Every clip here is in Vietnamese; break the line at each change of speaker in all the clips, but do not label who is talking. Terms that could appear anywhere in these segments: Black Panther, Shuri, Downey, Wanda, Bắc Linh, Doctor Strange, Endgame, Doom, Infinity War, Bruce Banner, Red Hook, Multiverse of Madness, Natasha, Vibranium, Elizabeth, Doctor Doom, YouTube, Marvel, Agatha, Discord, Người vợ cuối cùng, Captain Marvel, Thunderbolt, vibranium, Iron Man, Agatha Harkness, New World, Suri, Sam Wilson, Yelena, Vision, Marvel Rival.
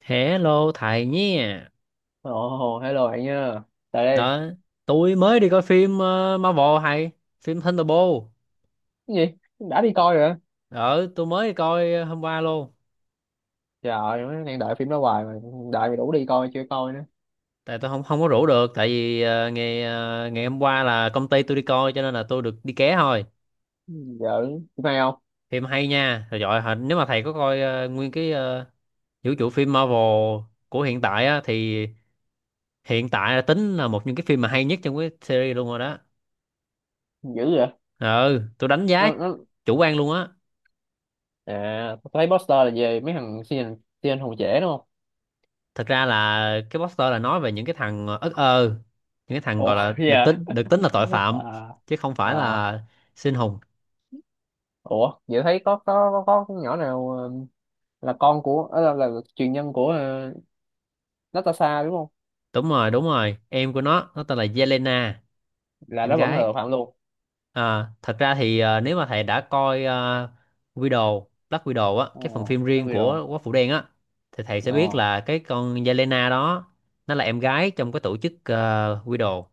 Hello thầy nhé.
Ồ, hello bạn nha. Tại đây.
Đó, tôi mới đi coi phim Marvel hay phim Thunderbolt.
Cái gì? Đã đi coi rồi hả?
Đó, tôi mới đi coi hôm qua luôn.
Trời ơi, mới đang đợi phim đó hoài mà đợi mày đủ đi coi chưa coi nữa.
Tại tôi không không có rủ được tại vì ngày hôm qua là công ty tôi đi coi cho nên là tôi được đi ké thôi.
Giờ phim hay không?
Phim hay nha. Rồi giỏi hả? Nếu mà thầy có coi nguyên cái vũ trụ phim Marvel của hiện tại á thì hiện tại là tính là một những cái phim mà hay nhất trong cái series luôn rồi đó.
Dữ vậy.
Ừ, tôi đánh giá
Nó
chủ quan luôn á.
à, tôi thấy poster là về mấy thằng siêu siêu hùng trẻ đúng không?
Thật ra là cái poster là nói về những cái thằng ất ơ, những cái thằng gọi
Ồ,
là được
giờ
tính được tính là tội phạm
à,
chứ không phải
à,
là sinh hùng.
ủa, vậy thấy có nhỏ nào là con của là truyền nhân của Natasha đúng không?
Đúng rồi, em của nó tên là Yelena,
Là
em
nó vẫn là
gái.
tội phạm luôn.
Thật ra thì nếu mà thầy đã coi Widow, Black Widow á, cái phần
Ồ,
phim
nó
riêng
bị đồ.
của Quả Phụ Đen á, thì thầy sẽ biết
Ờ.
là cái con Yelena đó nó là em gái trong cái tổ chức Widow.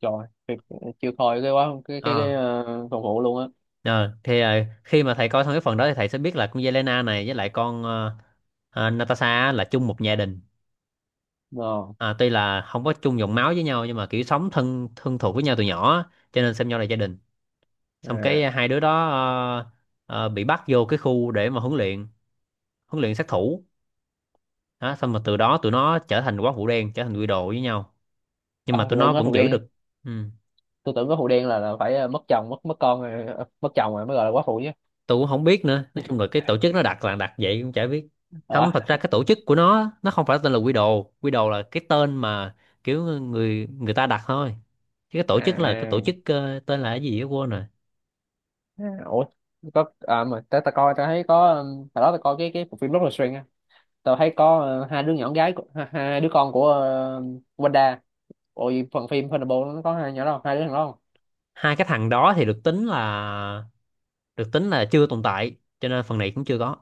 Trời thiệt, chịu thôi cái quá cái
À.
phòng hộ luôn á.
Ờ, thì ờ, khi mà thầy coi xong cái phần đó thì thầy sẽ biết là con Yelena này với lại con Natasha á là chung một gia đình.
Ờ.
À, tuy là không có chung dòng máu với nhau nhưng mà kiểu sống thân thân thuộc với nhau từ nhỏ á, cho nên xem nhau là gia đình. Xong
À.
cái hai đứa đó bị bắt vô cái khu để mà huấn luyện sát thủ. Đó, xong mà từ đó tụi nó trở thành quái vũ đen, trở thành quy đồ với nhau. Nhưng
À,
mà tụi
tôi tưởng
nó
nói phụ
vẫn giữ
đen,
được. Ừ.
tôi tưởng có phụ đen là phải mất chồng mất mất con rồi mất chồng rồi mới gọi là quá phụ chứ.
Tôi cũng không biết nữa, nói chung là cái tổ chức nó đặt là đặt vậy cũng chả biết.
Ờ.
Không, thật ra cái tổ chức của nó không phải tên là Quy Đồ. Quy Đồ là cái tên mà kiểu người người ta đặt thôi, chứ cái tổ chức là cái tổ
À.
chức tên là cái gì đó quên rồi.
À, ủa, có à, mà ta, ta coi ta thấy có hồi đó ta coi cái bộ phim Doctor Strange á, tao thấy có hai đứa nhỏ gái của- hai, hai đứa con của Wanda. Ôi phần phim Thunderbolt nó có hai nhỏ đó không? Hai đứa thằng đó không?
Hai cái thằng đó thì được tính là chưa tồn tại cho nên phần này cũng chưa có.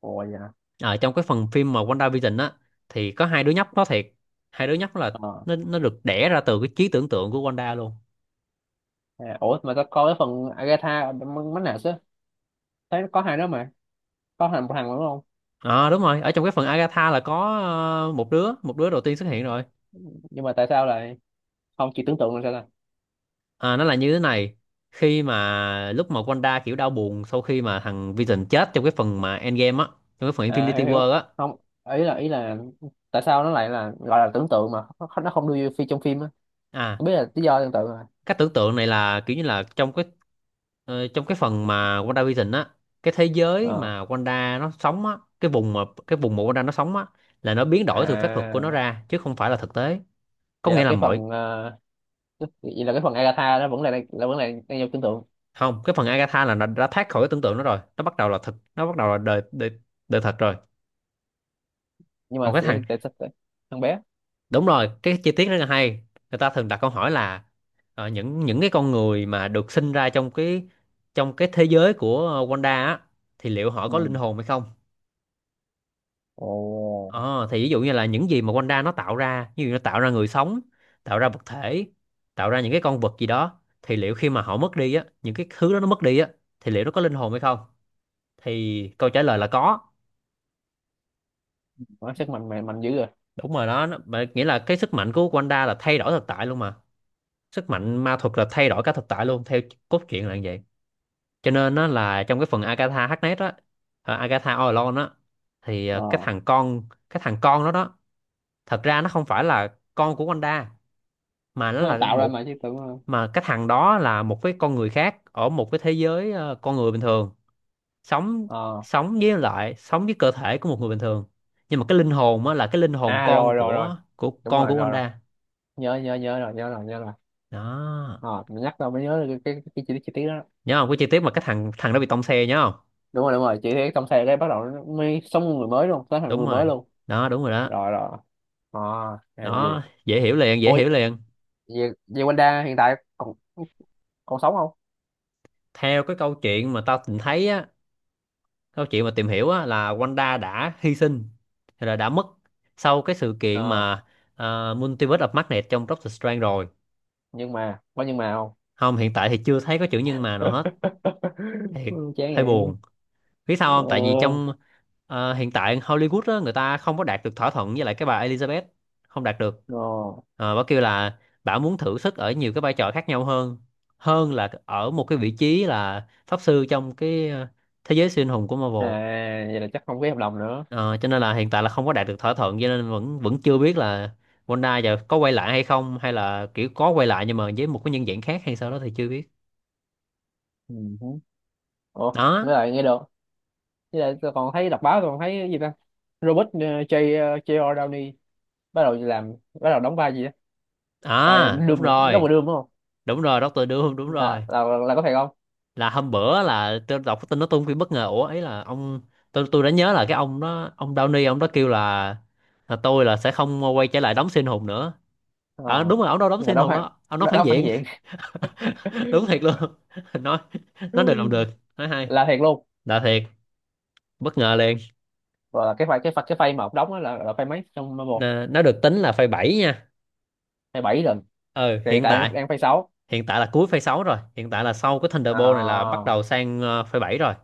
Ủa dạ.
Ở trong cái phần phim mà WandaVision á thì có hai đứa nhóc nó thiệt. Hai đứa nhóc là
Ờ.
nó được đẻ ra từ cái trí tưởng tượng của Wanda luôn.
À, ủa mà tao coi cái phần Agatha mấy nào chứ, thấy có hai đứa mà có thằng thằng đúng không?
Ờ đúng rồi, ở trong cái phần Agatha là có một đứa, một đứa đầu tiên xuất hiện rồi.
Nhưng mà tại sao lại không chỉ tưởng tượng là sao ta?
À, nó là như thế này, khi mà lúc mà Wanda kiểu đau buồn sau khi mà thằng Vision chết trong cái phần mà Endgame á, trong cái phần
À
Infinity
hiểu
War
hiểu
á.
không, ý là ý là tại sao nó lại là gọi là tưởng tượng mà nó không đưa vô phi trong phim á.
À,
Không biết là lý do tương tự rồi.
cách tưởng tượng này là kiểu như là trong cái trong cái phần mà WandaVision á, cái thế giới
Ờ.
mà Wanda nó sống á, cái vùng mà Wanda nó sống á là nó biến đổi từ phép thuật của nó
À
ra chứ không phải là thực tế. Có
vậy
nghĩa
là
là
cái
mọi.
phần vậy là cái phần Agatha nó vẫn là vẫn là đang vô tưởng tượng.
Không, cái phần Agatha là nó đã thoát khỏi cái tưởng tượng nó rồi, nó bắt đầu là thực, nó bắt đầu là đời đời, đời thật rồi.
Nhưng
Còn
mà
cái thằng.
sẽ tại sao tại- thằng bé.
Đúng rồi, cái chi tiết rất là hay. Người ta thường đặt câu hỏi là những cái con người mà được sinh ra trong cái thế giới của Wanda á thì liệu họ
Ừ.
có linh hồn hay không.
Ồ,
Ờ thì ví dụ như là những gì mà Wanda nó tạo ra, như nó tạo ra người sống, tạo ra vật thể, tạo ra những cái con vật gì đó, thì liệu khi mà họ mất đi á, những cái thứ đó nó mất đi á, thì liệu nó có linh hồn hay không, thì câu trả lời là có.
nó sức mạnh mạnh mạnh dữ rồi.
Đúng rồi đó nó, mà nghĩa là cái sức mạnh của Wanda là thay đổi thực tại luôn mà. Sức mạnh ma thuật là thay đổi cả thực tại luôn, theo cốt truyện là như vậy. Cho nên nó là trong cái phần Agatha Harkness á, Agatha All Alone á, thì ờ, cái
Ờ,
thằng con cái thằng con đó đó thật ra nó không phải là con của Wanda mà nó
nó là
là
tạo ra
một,
mà chứ tưởng ờ.
mà cái thằng đó là một cái con người khác ở một cái thế giới con người bình thường sống,
Ờ.
sống với lại sống với cơ thể của một người bình thường, nhưng mà cái linh hồn á là cái linh hồn
À
con
rồi rồi rồi,
của của
đúng
con
rồi
của
rồi rồi,
Wanda.
nhớ nhớ nhớ rồi, nhớ rồi nhớ rồi.
Đó,
Ờ, mình nhắc tao mới nhớ được cái chi tiết đó.
nhớ không, cái chi tiết mà cái thằng thằng đó bị tông xe nhớ không.
Đúng rồi đúng rồi, chị thấy trong xe cái bắt đầu nó mới sống người mới luôn, sống thành
Đúng
người mới
rồi
luôn.
đó, đúng rồi đó.
Rồi rồi. Ờ. À là gì.
Đó, dễ hiểu liền, dễ hiểu
Ôi
liền.
về về Wanda hiện tại còn còn sống không?
Theo cái câu chuyện mà tao tìm thấy á, câu chuyện mà tìm hiểu á, là Wanda đã hy sinh rồi, là đã mất sau cái sự kiện
Ờ.
mà Multiverse of Madness trong Doctor Strange rồi.
Nhưng mà có nhưng mà không.
Không, hiện tại thì chưa thấy có chữ nhân mà nào hết. Thiệt,
Ừ, chán
hơi
vậy.
buồn. Biết sao không, tại vì
Ờ.
trong hiện tại Hollywood á, người ta không có đạt được thỏa thuận với lại cái bà Elizabeth, không đạt được.
Ờ.
Ờ, bà kêu là bà muốn thử sức ở nhiều cái vai trò khác nhau hơn, hơn là ở một cái vị trí là pháp sư trong cái thế giới siêu anh hùng của
À
Marvel.
vậy là chắc không ký hợp đồng nữa.
Ờ, cho nên là hiện tại là không có đạt được thỏa thuận, cho nên vẫn vẫn chưa biết là Wanda giờ có quay lại hay không, hay là kiểu có quay lại nhưng mà với một cái nhân dạng khác hay sao đó thì chưa biết.
Ừ. Ủa
Đó,
với lại nghe được, với lại tôi còn thấy đọc báo tôi còn thấy cái gì ta, Robert J J.R. Downey bắt đầu làm, bắt đầu đóng vai gì, bài
à đúng
Doom mà đâu
rồi,
mà Doom đúng không?
đúng rồi, Doctor Doom đúng
Là
rồi.
là có thiệt không?
Là hôm bữa là tôi đọc cái tin nó tung phim bất ngờ, ủa ấy là ông, tôi đã nhớ là cái ông đó, ông Downey ông đó kêu là tôi là sẽ không quay trở lại đóng siêu anh hùng nữa. À,
Ờ.
đúng rồi, ông đâu đóng
Nhưng
siêu
mà
anh
đóng
hùng
phản,
đó, ông nói
đóng
phản
đóng phản
diện.
diện.
Đúng thiệt luôn. Nói nói được làm được, nói hay.
Là thiệt luôn.
Là thiệt, bất ngờ liền.
Rồi là cái phay cái phay cái phay mà ông đóng á là phay mấy trong một,
Nó được tính là phase 7 nha.
phay bảy lần.
Ừ
Thì hiện
hiện
tại
tại,
đang đang phay sáu.
hiện tại là cuối phase 6 rồi, hiện tại là sau cái Thunderbolt này là
À,
bắt đầu sang phase 7 rồi.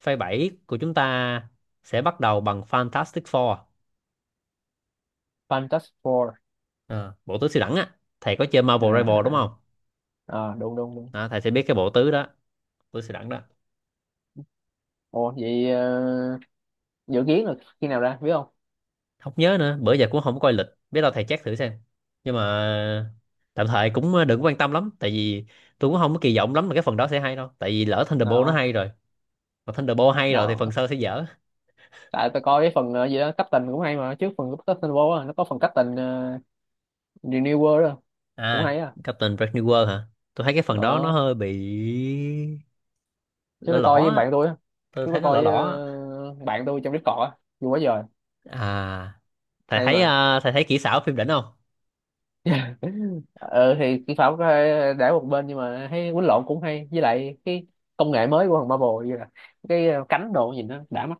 Phase 7 của chúng ta sẽ bắt đầu bằng Fantastic Four.
Fantastic Four.
Ờ, bộ tứ siêu đẳng á. Thầy có chơi
À,
Marvel Rival đúng
à, à.
không?
Ờ, đúng đúng đúng.
Đó, thầy sẽ biết cái bộ tứ đó, tứ siêu đẳng đó.
Ồ vậy dự kiến là khi nào ra biết không?
Không nhớ nữa, bữa giờ cũng không có coi lịch, biết đâu thầy check thử xem. Nhưng mà tạm thời cũng đừng quan tâm lắm tại vì tôi cũng không có kỳ vọng lắm là cái phần đó sẽ hay đâu, tại vì lỡ Thunderbolt nó
Nào.
hay rồi, mà Thunderbolt hay rồi thì phần
Nào
sau sẽ dở.
tại tôi coi cái phần gì đó Captain cũng hay mà, trước phần Captain Marvel á, nó có phần Captain New World đó. Cũng
À,
hay á.
Captain Brave New World hả? Tôi thấy cái phần đó nó
Ờ,
hơi bị
chứ
lõ
tôi
lõ
coi với
á.
bạn tôi á,
Tôi
chứ
thấy
tôi
nó lõ
coi với
lõ á.
bạn tôi trong Discord á, vui quá trời.
À,
Hay mà.
thầy thấy kỹ xảo phim đỉnh không?
Ờ thì kỹ thuật để một bên, nhưng mà thấy quýnh lộn cũng hay, với lại cái công nghệ mới của thằng Marvel như là cái cánh đồ nhìn nó đã mắt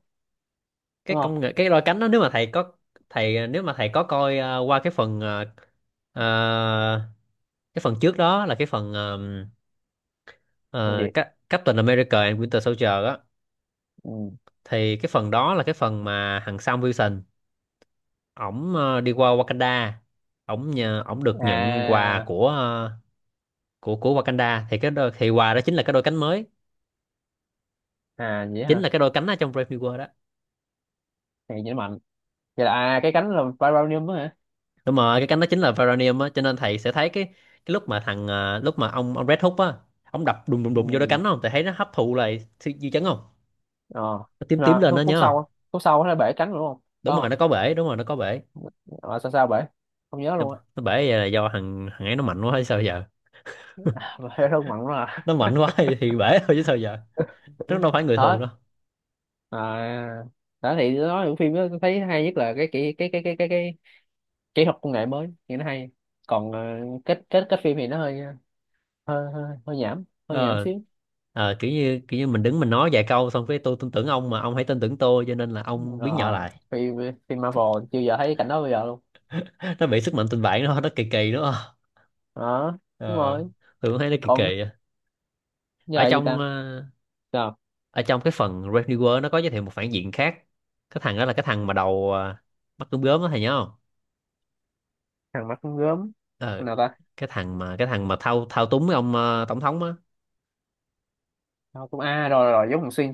Cái
đúng không?
công nghệ cái đôi cánh đó, nếu mà thầy có, nếu mà thầy có coi à, qua cái phần à, à, cái phần trước đó là cái phần
Còn gì.
Captain America and Winter Soldier á,
Ừ.
thì cái phần đó là cái phần mà thằng Sam Wilson, ổng đi qua Wakanda, ổng nhờ ổng được nhận quà
À.
của của Wakanda, thì cái đôi, thì quà đó chính là cái đôi cánh mới,
À vậy
chính
hả.
là cái đôi cánh ở trong Brave New World đó.
Thì vậy mạnh. Vậy là à cái cánh là vibranium đó hả?
Đúng rồi, cái cánh đó chính là Vibranium á, cho nên thầy sẽ thấy cái lúc mà thằng lúc mà ông Red Hook á, ông đập đùng đùng đùng vô đôi
Ừ.
cánh, không thầy thấy nó hấp thụ lại sự dư chấn không,
Ờ.
nó tím tím
À,
lên đó
khúc khúc
nhớ
sau
không.
á. Khúc sau nó bể cánh rồi đúng không có
Đúng rồi
không?
nó có bể, đúng rồi nó có bể.
Ờ, sao sao bể, không nhớ
nó,
luôn á.
nó bể là do thằng thằng ấy nó mạnh quá hay sao giờ.
Bể rất mạnh lắm
Nó
à.
mạnh quá thì bể thôi chứ sao giờ, nó đâu phải người thường
Hết.
đâu.
À đó thì nói những phim đó tôi thấy hay nhất là cái kỹ cái kỹ thuật công nghệ mới thì nó hay, còn kết kết kết phim thì nó hơi hơi hơi, hơi nhảm, hơi nhảm
Ờ.
xíu.
Ờ, kiểu như, kiểu như mình đứng mình nói vài câu xong cái tôi tin tưởng ông mà ông hãy tin tưởng tôi cho nên là ông biến nhỏ
Ờ,
lại.
phim phim Marvel chưa giờ thấy cảnh đó bây giờ luôn.
Nó bị sức mạnh tình bạn nó kỳ kỳ đúng không.
Đó đúng
Ờ,
rồi.
tôi cũng thấy nó kỳ
Còn
kỳ á. ở
giờ gì
trong
ta,
ờ,
giờ
Ở trong cái phần Red New World nó có giới thiệu một phản diện khác. Cái thằng đó là cái thằng mà mắt gớm gớm đó, thầy nhớ không?
thằng mắt con gớm
Ờ
nào ta.
cái Thằng mà thao thao túng cái ông tổng thống á.
Đâu, cũng a rồi rồi giống thằng xuyên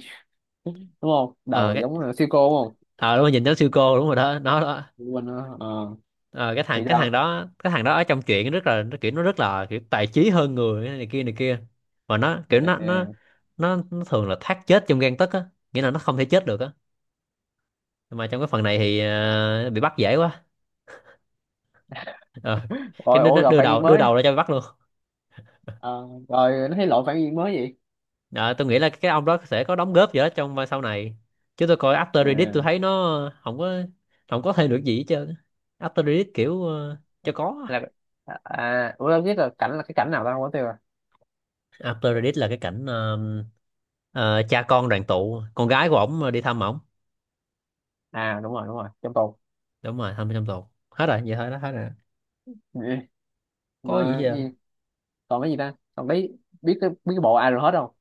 đúng không,
Ờ
đầu
cái
giống thằng siêu cô đúng không?
ờ Đúng rồi, nhìn nó siêu cô, đúng rồi đó, nó đó.
Quên nữa. Ờ,
Ờ
thì sao.
cái thằng đó ở trong chuyện rất là, nó kiểu nó rất là kiểu tài trí hơn người này kia này kia, mà nó kiểu
Ờ,
nó thường là thác chết trong gang tấc á, nghĩa là nó không thể chết được á. Mà trong cái phần này thì bị bắt dễ quá. Ờ, cái
rồi
đứa
ủa
nó
gặp
đưa
phản
đầu
diện
đưa
mới.
đầu ra cho bị bắt luôn.
Ờ, rồi nó thấy lộ phản diện mới gì.
Ờ, tôi nghĩ là cái ông đó sẽ có đóng góp gì đó trong vai sau này, chứ tôi coi after Reddit tôi
Ờ,
thấy nó không có thêm được gì hết trơn. After Reddit kiểu cho có.
là à ủa đâu biết là cảnh là cái cảnh nào ta không có tiêu à.
After Reddit là cái cảnh ờ, cha con đoàn tụ, con gái của ổng đi thăm ổng.
À đúng rồi trong tù.
Đúng rồi, thăm trong tù, hết rồi, vậy thôi đó, hết rồi,
Ừ.
có gì hết
Mà
trơn.
gì còn cái gì ta, còn biết biết cái bộ ai rồi hết không,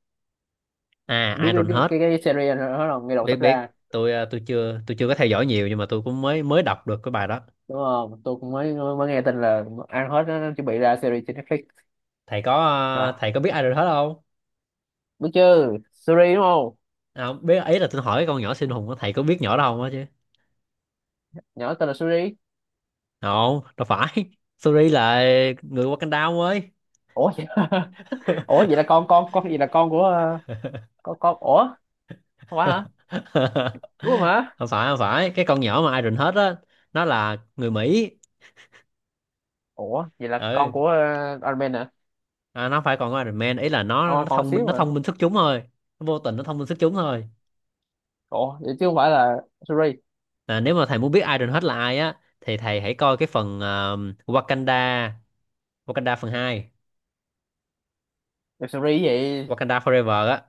À,
biết cái,
Iron
biết
hết.
cái series rồi hết không ngay đầu
Biết,
sắp
biết
ra.
tôi ờ, chưa có theo dõi nhiều, nhưng mà tôi cũng mới mới đọc được cái bài đó.
Đúng không, tôi cũng mới mới nghe tin là ăn hết nó chuẩn bị ra series trên Netflix. Là
Thầy có biết ai rồi hết không?
biết chứ, Suri đúng không,
À, không, biết ý là tôi hỏi cái con nhỏ siêu hùng á, thầy có biết nhỏ đó không á chứ.
nhỏ tên là Suri.
Không, đâu phải. Suri là người Wakanda, ông ơi.
Ủa vậy. Ủa vậy là con gì, là con của con, ủa không phải hả, đúng rồi mà.
Không phải, không phải cái con nhỏ mà Iron hết á, nó là người Mỹ.
Ủa vậy là
Ừ.
con của Iron Man hả?
À, nó không phải còn có Iron Man, ý là nó
Ờ,
nó
con
thông minh,
xíu
nó
mà.
thông minh xuất chúng thôi. Nó vô tình nó thông minh xuất chúng thôi.
Ủa vậy chứ không phải là Suri?
À, nếu mà thầy muốn biết Iron hết là ai á thì thầy hãy coi cái phần Wakanda, Wakanda phần hai.
Web series gì?
Wakanda Forever á,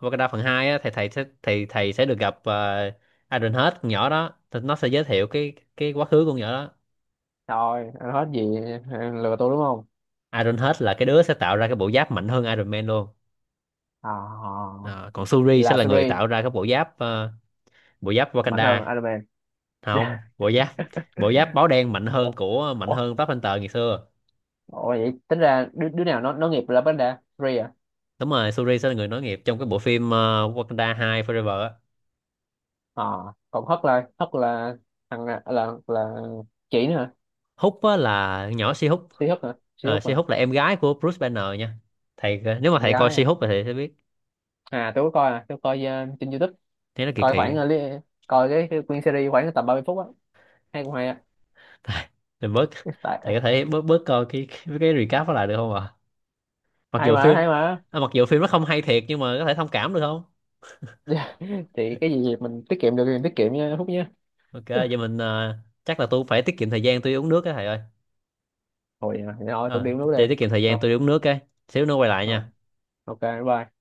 Wakanda phần 2 á, thì thầy sẽ được gặp Iron Head, con nhỏ đó. Thì nó sẽ giới thiệu cái quá khứ con nhỏ đó.
Thôi, anh hết gì, anh lừa tôi đúng không?
Iron Head là cái đứa sẽ tạo ra cái bộ giáp mạnh hơn Iron Man luôn.
À,
Ờ, còn Shuri sẽ
là
là người
series
tạo ra cái bộ giáp
mạnh hơn
Wakanda.
Iron Man.
Không, bộ giáp báo đen, mạnh hơn
Ủa?
mạnh
Ủa?
hơn Black Panther ngày xưa.
Ủa vậy tính ra đứa, đứa nào nó nghiệp là vấn đề series à?
Đúng rồi, Shuri sẽ là người nối nghiệp trong cái bộ phim Wakanda 2 Forever á.
À, còn Hất là thằng là chị nữa hả?
Hút á là nhỏ Si Hút.
Si Hất hả? Si
Ờ,
Hất
Si
hả?
Hút là em gái của Bruce Banner nha. Thầy, nếu mà
Em
thầy coi
gái
Si
à?
Hút thì thầy sẽ biết,
À tôi có coi, à, tôi coi trên YouTube,
thế nó kỳ
coi
kỳ á.
khoảng li- coi cái nguyên series khoảng tầm 30 phút á. Hay cũng hay á.
Thầy mình bớt, thầy có
Tại
thể bớt bớt coi cái recap đó lại được không ạ? Mặc
hay
dù
mà,
phim,
hay mà.
à, mặc dù phim nó không hay thiệt, nhưng mà có thể thông cảm được không?
Thì cái gì mình tiết kiệm được thì mình tiết kiệm nha, Phúc nhé.
Ok, vậy mình chắc là tôi phải tiết kiệm thời gian tôi đi uống nước á, thầy ơi.
Thôi vậy thì thôi tôi
Ờ,
đi uống nước
để
đi.
tiết kiệm thời gian
Thôi.
tôi đi uống nước cái xíu nữa quay lại
Thôi.
nha.
Ok. Bye.